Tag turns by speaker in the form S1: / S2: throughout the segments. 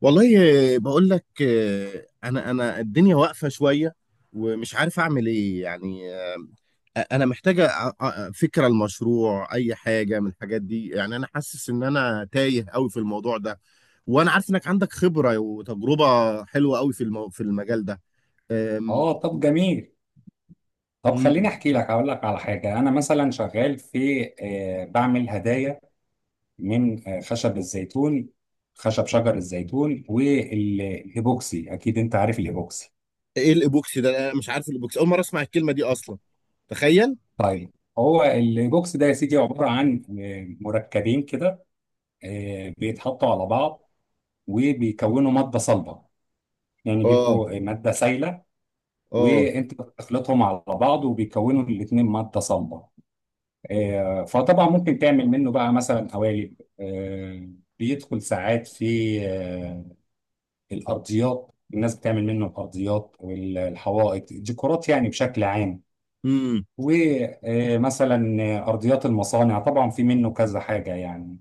S1: والله. بقول لك، انا الدنيا واقفه شويه، ومش عارف اعمل ايه يعني. انا محتاجه فكره المشروع، اي حاجه من الحاجات دي. يعني انا حاسس ان انا تايه قوي في الموضوع ده، وانا عارف انك عندك خبره وتجربه حلوه قوي في المجال ده.
S2: اه،
S1: أم...
S2: طب جميل. طب
S1: مم.
S2: خليني احكي لك اقول لك على حاجه. انا مثلا شغال في بعمل هدايا من خشب الزيتون، خشب شجر الزيتون. والهيبوكسي اكيد انت عارف الهيبوكسي.
S1: ايه الايبوكسي ده؟ انا مش عارف الايبوكسي، اول مره اسمع الكلمه دي اصلا. تخيل.
S2: طيب، هو الهيبوكسي ده يا سيدي عباره عن مركبين كده. بيتحطوا على بعض وبيكونوا ماده صلبه، يعني
S1: اه.
S2: بيبقوا ماده سايله،
S1: اه.
S2: وانت بتخلطهم على بعض وبيكونوا الاثنين ماده صلبه. فطبعا ممكن تعمل منه بقى مثلا قوالب. بيدخل ساعات في الارضيات. الناس بتعمل منه الارضيات والحوائط، ديكورات يعني بشكل عام.
S1: امم.
S2: ومثلا ارضيات المصانع، طبعا في منه كذا حاجه يعني،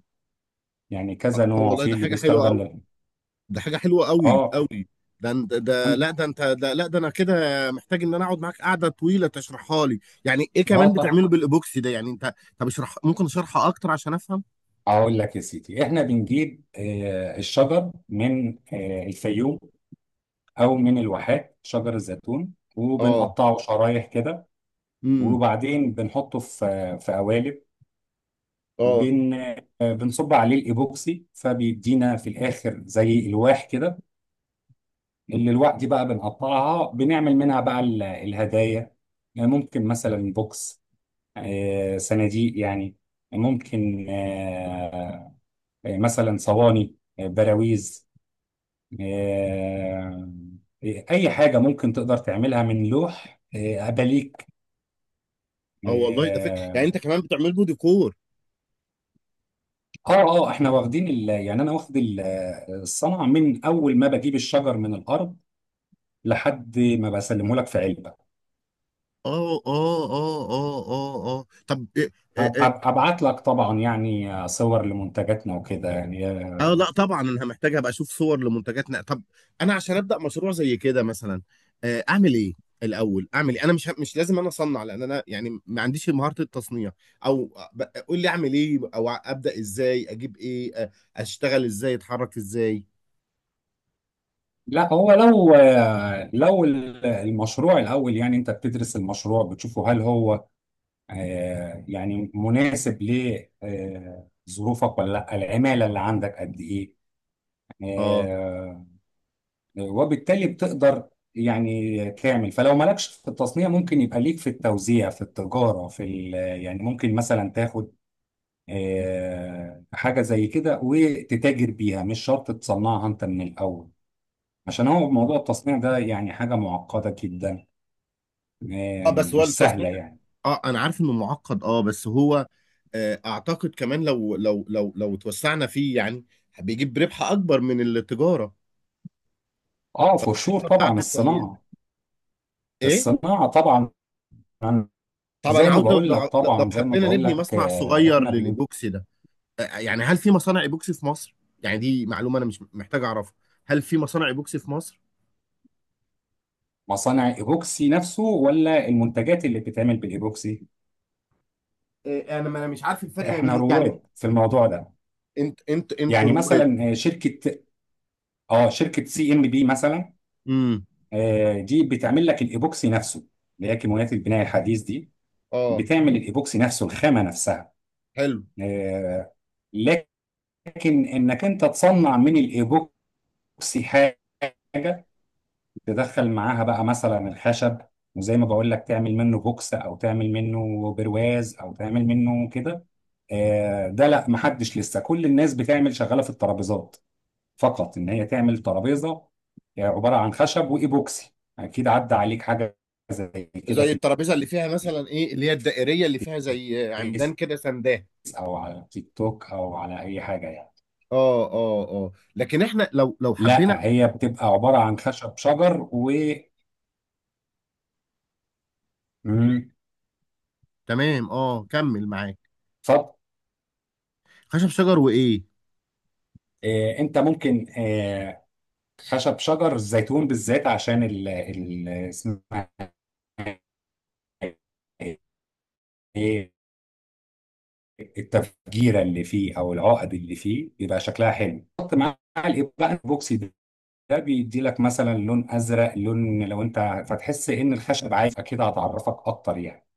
S2: يعني
S1: اه،
S2: كذا نوع
S1: والله
S2: في
S1: ده
S2: اللي
S1: حاجه
S2: بيستخدم
S1: حلوه. ده حاجة حلوة قوي
S2: اه
S1: قوي. ده أنت- ده لا ده انت ده لا ده انا كده محتاج ان انا اقعد معاك قعدة طويلة تشرحها لي. يعني ايه
S2: اه
S1: كمان
S2: طب.
S1: بتعمله بالايبوكسي ده؟ يعني انت طب اشرح، ممكن اشرحها اكتر عشان افهم.
S2: اقول لك يا سيدي احنا بنجيب الشجر من الفيوم او من الواحات، شجر الزيتون،
S1: اه.
S2: وبنقطعه شرايح كده.
S1: امم.
S2: وبعدين بنحطه في قوالب.
S1: اه.
S2: بن بنصب عليه الايبوكسي فبيدينا في الاخر زي الواح كده. الالواح دي بقى بنقطعها، بنعمل منها بقى الهدايا. يعني ممكن مثلا بوكس، صناديق يعني، ممكن مثلا صواني، براويز، آه، اي حاجه ممكن تقدر تعملها من لوح، اباليك.
S1: اه، والله ده فكرة. يعني انت
S2: آه،
S1: كمان بتعمل له ديكور؟
S2: اه اه احنا واخدين يعني انا واخد الصنعه من اول ما بجيب الشجر من الارض لحد ما بسلمه لك في علبه.
S1: اه. اه. اه. اه. اه. اه. طب.
S2: هبعت لك طبعا يعني صور لمنتجاتنا وكده يعني.
S1: اه، لا طبعا انا محتاج ابقى اشوف صور لمنتجات طب. انا عشان ابدا مشروع زي كده مثلا، اعمل ايه؟ الاول اعمل ايه؟ انا مش لازم انا اصنع، لان انا يعني ما عنديش مهارة التصنيع. او، قول لي اعمل ايه، او ابدا ازاي، اجيب ايه، اشتغل ازاي، اتحرك ازاي؟
S2: لا، هو لو المشروع الاول يعني انت بتدرس المشروع، بتشوفه هل هو يعني مناسب لظروفك ولا لا، العماله اللي عندك قد ايه.
S1: اه.
S2: آه، وبالتالي بتقدر يعني تعمل. فلو مالكش في التصنيع، ممكن يبقى ليك في التوزيع، في التجارة، يعني ممكن مثلا تاخد حاجة زي كده وتتاجر بيها، مش شرط تصنعها انت من الأول. عشان هو موضوع التصنيع ده يعني حاجة معقدة جدا،
S1: اه، بس هو
S2: مش
S1: التصنيع.
S2: سهلة يعني.
S1: اه انا عارف انه معقد، اه بس هو، اعتقد كمان لو توسعنا فيه يعني، بيجيب ربح اكبر من التجارة،
S2: اه، فشور طبعا
S1: بتاعته كويسة.
S2: الصناعة.
S1: ايه.
S2: الصناعة طبعا.
S1: طب انا
S2: زي ما
S1: عاوز لو
S2: بقول لك
S1: لو لو
S2: طبعا، زي ما
S1: حبينا
S2: بقول
S1: نبني
S2: لك،
S1: مصنع صغير
S2: احنا
S1: للايبوكسي ده. يعني هل في مصانع ايبوكسي في مصر؟ يعني دي معلومه انا مش محتاج اعرفها. هل في مصانع ايبوكسي في مصر؟
S2: مصانع ايبوكسي نفسه ولا المنتجات اللي بتتعمل بالايبوكسي؟
S1: إيه، انا ما انا مش عارف الفرق ما
S2: احنا
S1: بين، يعني.
S2: رواد في الموضوع ده.
S1: انت
S2: يعني
S1: رواد.
S2: مثلا شركه سي ام بي مثلا،
S1: امم.
S2: دي بتعمل لك الايبوكسي نفسه، اللي هي كيماويات البناء الحديث دي.
S1: اه.
S2: بتعمل الايبوكسي نفسه، الخامه نفسها.
S1: حلو.
S2: آه، لكن انك انت تصنع من الايبوكسي حاجه تدخل معاها بقى مثلا الخشب، وزي ما بقول لك تعمل منه بوكس او تعمل منه برواز او تعمل منه كده، ده لا محدش لسه. كل الناس بتعمل شغاله في الترابيزات فقط، ان هي تعمل ترابيزه عباره عن خشب وايبوكسي. اكيد عدى عليك حاجه زي كده
S1: زي
S2: في
S1: الترابيزه اللي فيها مثلا، ايه، اللي هي الدائريه اللي فيها زي
S2: الفيس
S1: عمدان كده سنداه.
S2: او على تيك توك او على اي حاجه يعني.
S1: اه. اه. اه، لكن احنا لو حبينا.
S2: لا، هي بتبقى عباره عن خشب شجر و مم.
S1: تمام. اه، كمل معاك.
S2: اتفضل.
S1: خشب شجر وايه؟
S2: انت ممكن خشب شجر الزيتون بالذات، عشان ال اسمها ايه، التفجيره اللي فيه او العقد اللي فيه بيبقى شكلها حلو حط مع الايبوكسي. ده بيدي لك مثلا لون ازرق، لون، لو انت فتحس ان الخشب عايز، اكيد هتعرفك اكتر يعني.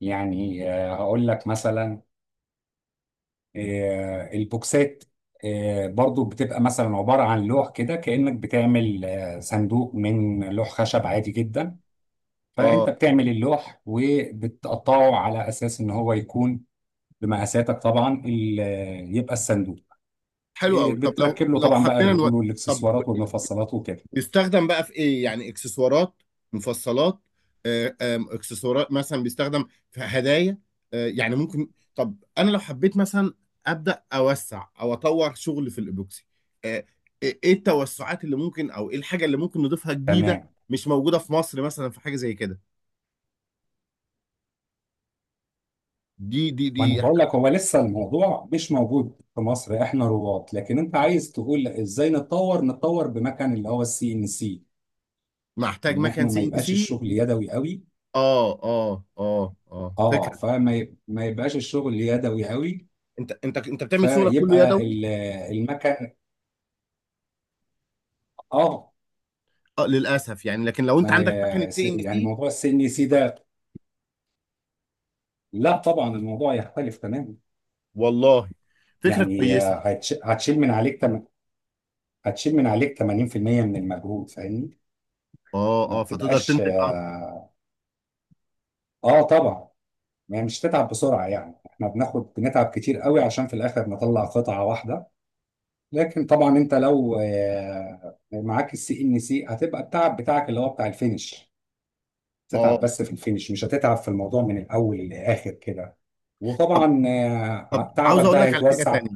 S2: يعني هقول لك مثلا البوكسات برضو بتبقى مثلا عبارة عن لوح كده، كأنك بتعمل صندوق من لوح خشب عادي جدا.
S1: اه،
S2: فانت بتعمل اللوح وبتقطعه على اساس ان هو يكون بمقاساتك طبعا، يبقى الصندوق.
S1: حلو قوي. طب لو
S2: بتركب له
S1: لو
S2: طبعا بقى
S1: حبينا
S2: الرجول
S1: طب
S2: والاكسسوارات والمفصلات وكده.
S1: بيستخدم بقى في ايه؟ يعني اكسسوارات، مفصلات. آه، آم، اكسسوارات مثلا بيستخدم في هدايا. يعني ممكن. طب انا لو حبيت مثلا، ابدا اوسع او اطور شغل في الايبوكسي آه، ايه التوسعات اللي ممكن، او ايه الحاجه اللي ممكن نضيفها جديده؟
S2: تمام.
S1: مش موجوده في مصر، مثلا في حاجه زي كده دي.
S2: وانا بقول لك هو لسه الموضوع مش موجود في مصر، احنا رواد. لكن انت عايز تقول ازاي نتطور بمكان اللي هو السي ان سي،
S1: محتاج
S2: ان
S1: مكان
S2: احنا ما
S1: سي ان
S2: يبقاش
S1: سي.
S2: الشغل يدوي قوي.
S1: اه. اه. اه. اه،
S2: اه،
S1: فكره.
S2: ما يبقاش الشغل يدوي قوي.
S1: انت بتعمل شغلك كله
S2: فيبقى
S1: يدوي؟
S2: المكان، اه.
S1: اه، للاسف يعني. لكن لو انت
S2: ما
S1: عندك مكنه
S2: ي- س-
S1: سي ان
S2: يعني
S1: سي،
S2: موضوع السي ان سي ده لا طبعا الموضوع يختلف تماما.
S1: والله فكرة
S2: يعني
S1: كويسة.
S2: هتشيل من عليك 80% من المجهود، فاهمني؟
S1: اه.
S2: ما
S1: اه، فتقدر
S2: بتبقاش،
S1: تنتج اكتر.
S2: اه، طبعا، ما هي مش تتعب بسرعة. يعني احنا بناخد، بنتعب كتير قوي عشان في الاخر نطلع قطعة واحدة. لكن طبعا انت لو معاك السي ان سي، هتبقى التعب بتاعك اللي هو بتاع الفينش. تتعب
S1: اه،
S2: بس في الفينش، مش هتتعب في الموضوع من الاول للاخر كده. وطبعا
S1: طب عاوز
S2: تعبك
S1: اقول
S2: ده
S1: لك على حاجة
S2: هيتوزع.
S1: تانية.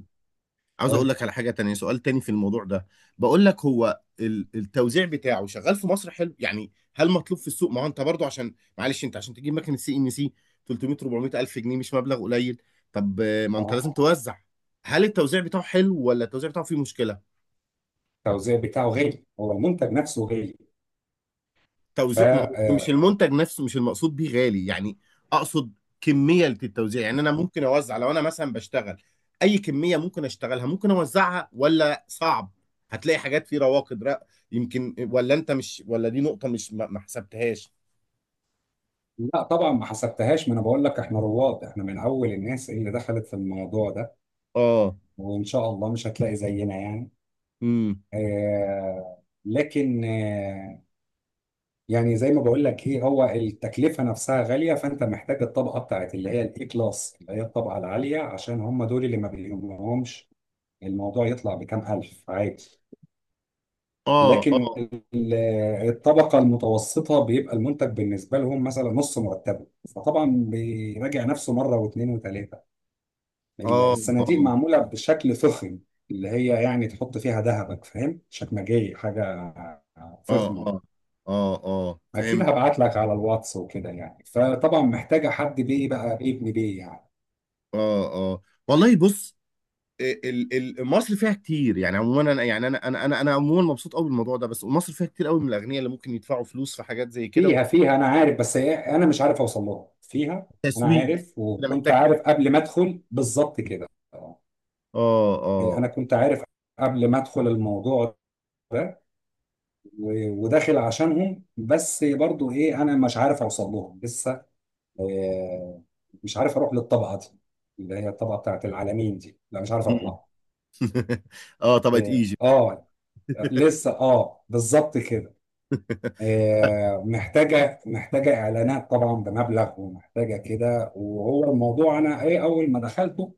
S2: قول.
S1: سؤال تاني في الموضوع ده. بقول لك هو التوزيع بتاعه شغال في مصر حلو يعني؟ هل مطلوب في السوق؟ ما هو انت برضو، عشان معلش انت عشان تجيب مكنة سي ان سي 300 400 الف جنيه مش مبلغ قليل. طب، ما انت لازم
S2: اه،
S1: توزع. هل التوزيع بتاعه حلو، ولا التوزيع بتاعه فيه مشكلة؟
S2: التوزيع بتاعه غالي، هو المنتج نفسه غالي، ف
S1: توزيع، ما هو مش
S2: آه،
S1: المنتج نفسه مش المقصود بيه غالي يعني. اقصد، كميه التوزيع. يعني انا ممكن اوزع لو انا مثلا بشتغل، اي كميه ممكن اشتغلها ممكن اوزعها، ولا صعب؟ هتلاقي حاجات في رواقد يمكن. ولا انت مش، ولا دي نقطه مش ما حسبتهاش.
S2: لا طبعا ما حسبتهاش. ما انا بقول لك احنا رواد، احنا من اول الناس اللي دخلت في الموضوع ده،
S1: اه.
S2: وان شاء الله مش هتلاقي زينا يعني.
S1: امم.
S2: لكن يعني زي ما بقول لك، هي هو التكلفه نفسها غاليه. فانت محتاج الطبقه بتاعت اللي هي الاي كلاس، اللي هي الطبقه العاليه، عشان هم دول اللي ما بيهمهمش الموضوع يطلع بكام الف عادي.
S1: اه.
S2: لكن
S1: اه.
S2: الطبقه المتوسطه بيبقى المنتج بالنسبه لهم مثلا نص مرتبه، فطبعا بيراجع نفسه مره واثنين وثلاثه.
S1: اه.
S2: الصناديق
S1: اه.
S2: معموله بشكل فخم، اللي هي يعني تحط فيها ذهبك، فاهم، شكمجيه حاجه
S1: اه.
S2: فخمه.
S1: اه. اه. اه
S2: اكيد
S1: فهمت.
S2: هبعت لك على الواتس وكده يعني. فطبعا محتاجه حد بيه بقى، ابن بيه يعني.
S1: اه. اه، والله بص. ال- مصر فيها كتير يعني. عموما انا يعني انا عموما مبسوط قوي بالموضوع ده، بس مصر فيها كتير قوي من الاغنياء اللي ممكن يدفعوا فلوس في حاجات زي كده،
S2: فيها
S1: وحتى
S2: فيها انا عارف، بس انا مش عارف اوصل لها فيها. انا
S1: تسويق بقى.
S2: عارف
S1: كده
S2: وكنت
S1: محتاج.
S2: عارف قبل ما ادخل بالظبط كده. آه.
S1: اه. اه.
S2: انا كنت عارف قبل ما ادخل الموضوع ده، وداخل عشانهم. بس برضو ايه، انا مش عارف اوصل لهم لسه. آه، مش عارف اروح للطبقه دي، اللي هي الطبقه بتاعت العالمين دي، لا مش عارف اروح
S1: مم.
S2: لها.
S1: اه، طبقة ايجيبت.
S2: اه، لسه، اه، بالظبط كده. محتاجة إعلانات طبعا بمبلغ، ومحتاجة كده. وهو الموضوع أنا إيه أول ما دخلته،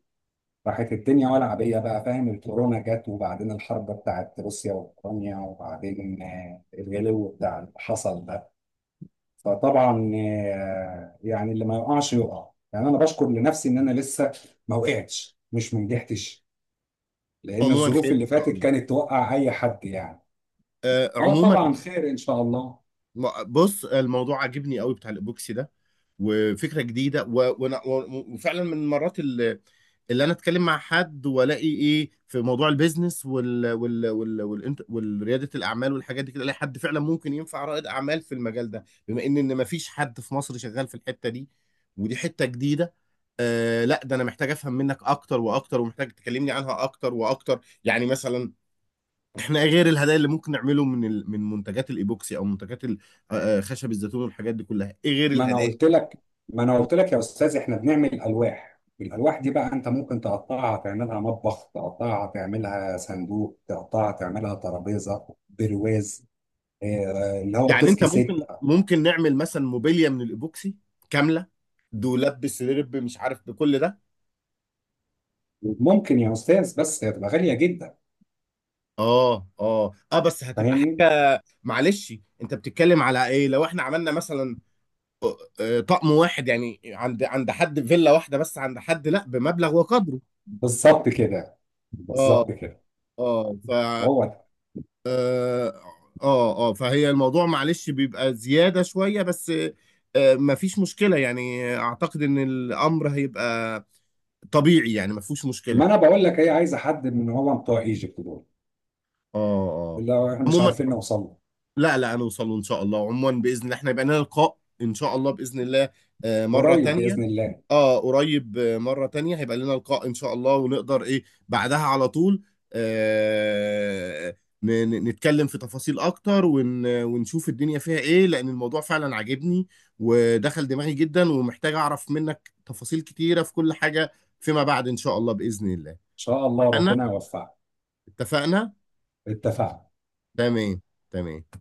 S2: راحت الدنيا ولع بيا بقى، فاهم؟ الكورونا جت وبعدين الحرب بتاعت روسيا وأوكرانيا، وبعدين الغلو بتاع اللي حصل ده. فطبعا يعني اللي ما يقعش يقع يعني. أنا بشكر لنفسي إن أنا لسه ما وقعتش، مش ما نجحتش، لأن
S1: عموما
S2: الظروف
S1: خير
S2: اللي
S1: ان شاء
S2: فاتت
S1: الله.
S2: كانت توقع أي حد يعني. أه،
S1: عموما.
S2: طبعا خير إن شاء الله.
S1: بص، الموضوع عاجبني قوي بتاع الايبوكسي ده، وفكره جديده وفعلا من المرات اللي، اللي انا اتكلم مع حد والاقي ايه في موضوع البيزنس والرياده الاعمال والحاجات دي كده، الاقي حد فعلا ممكن ينفع رائد اعمال في المجال ده، بما ان مفيش حد في مصر شغال في الحته دي، ودي حته جديده. لا، ده انا محتاج افهم منك اكتر واكتر، ومحتاج تكلمني عنها اكتر واكتر. يعني مثلا، احنا غير الهدايا اللي ممكن نعمله من من منتجات الايبوكسي، او منتجات خشب الزيتون والحاجات دي كلها، ايه غير
S2: ما انا
S1: الهدايا؟
S2: قلت لك ما انا قلت لك يا استاذ، احنا بنعمل الواح. الالواح دي بقى انت ممكن تقطعها تعملها مطبخ، تقطعها تعملها صندوق، تقطعها تعملها ترابيزه، برواز، اللي هو
S1: يعني
S2: الديسك
S1: انت
S2: ست.
S1: ممكن نعمل مثلا موبيليا من الايبوكسي كامله، دولاب بسرير مش عارف بكل ده.
S2: ممكن يا استاذ، بس هتبقى غاليه جدا،
S1: اه. اه. اه، بس هتبقى
S2: فاهمني؟
S1: حاجه معلش. انت بتتكلم على ايه؟ لو احنا عملنا مثلا، طقم واحد يعني، عند حد فيلا واحده، بس عند حد لا بمبلغ وقدره.
S2: بالظبط كده،
S1: اه.
S2: بالظبط كده.
S1: اه.
S2: هو ده.
S1: اه. اه. فهي الموضوع معلش بيبقى زيادة شوية بس. مفيش مشكلة يعني، اعتقد ان الامر هيبقى طبيعي يعني. مفيش مشكلة.
S2: ما انا بقول لك هي عايزه حد من هو بتوع ايجيبت دول،
S1: اه. اه.
S2: اللي هو احنا مش
S1: عموما
S2: عارفين نوصل له.
S1: لا لا، هنوصله ان شاء الله. عموما باذن الله احنا يبقى لنا لقاء ان شاء الله باذن الله، مرة
S2: قريب
S1: تانية.
S2: باذن الله، ان
S1: اه قريب، مرة تانية هيبقى لنا لقاء ان شاء الله، ونقدر ايه بعدها على طول، آه نتكلم في تفاصيل اكتر، ونشوف الدنيا فيها ايه، لان الموضوع فعلا عاجبني ودخل دماغي جدا، ومحتاج اعرف منك تفاصيل كتيرة في كل حاجة فيما بعد ان شاء الله بإذن الله.
S2: شاء الله
S1: اتفقنا،
S2: ربنا يوفقك.
S1: اتفقنا.
S2: اتفقنا.
S1: تمام، تمام.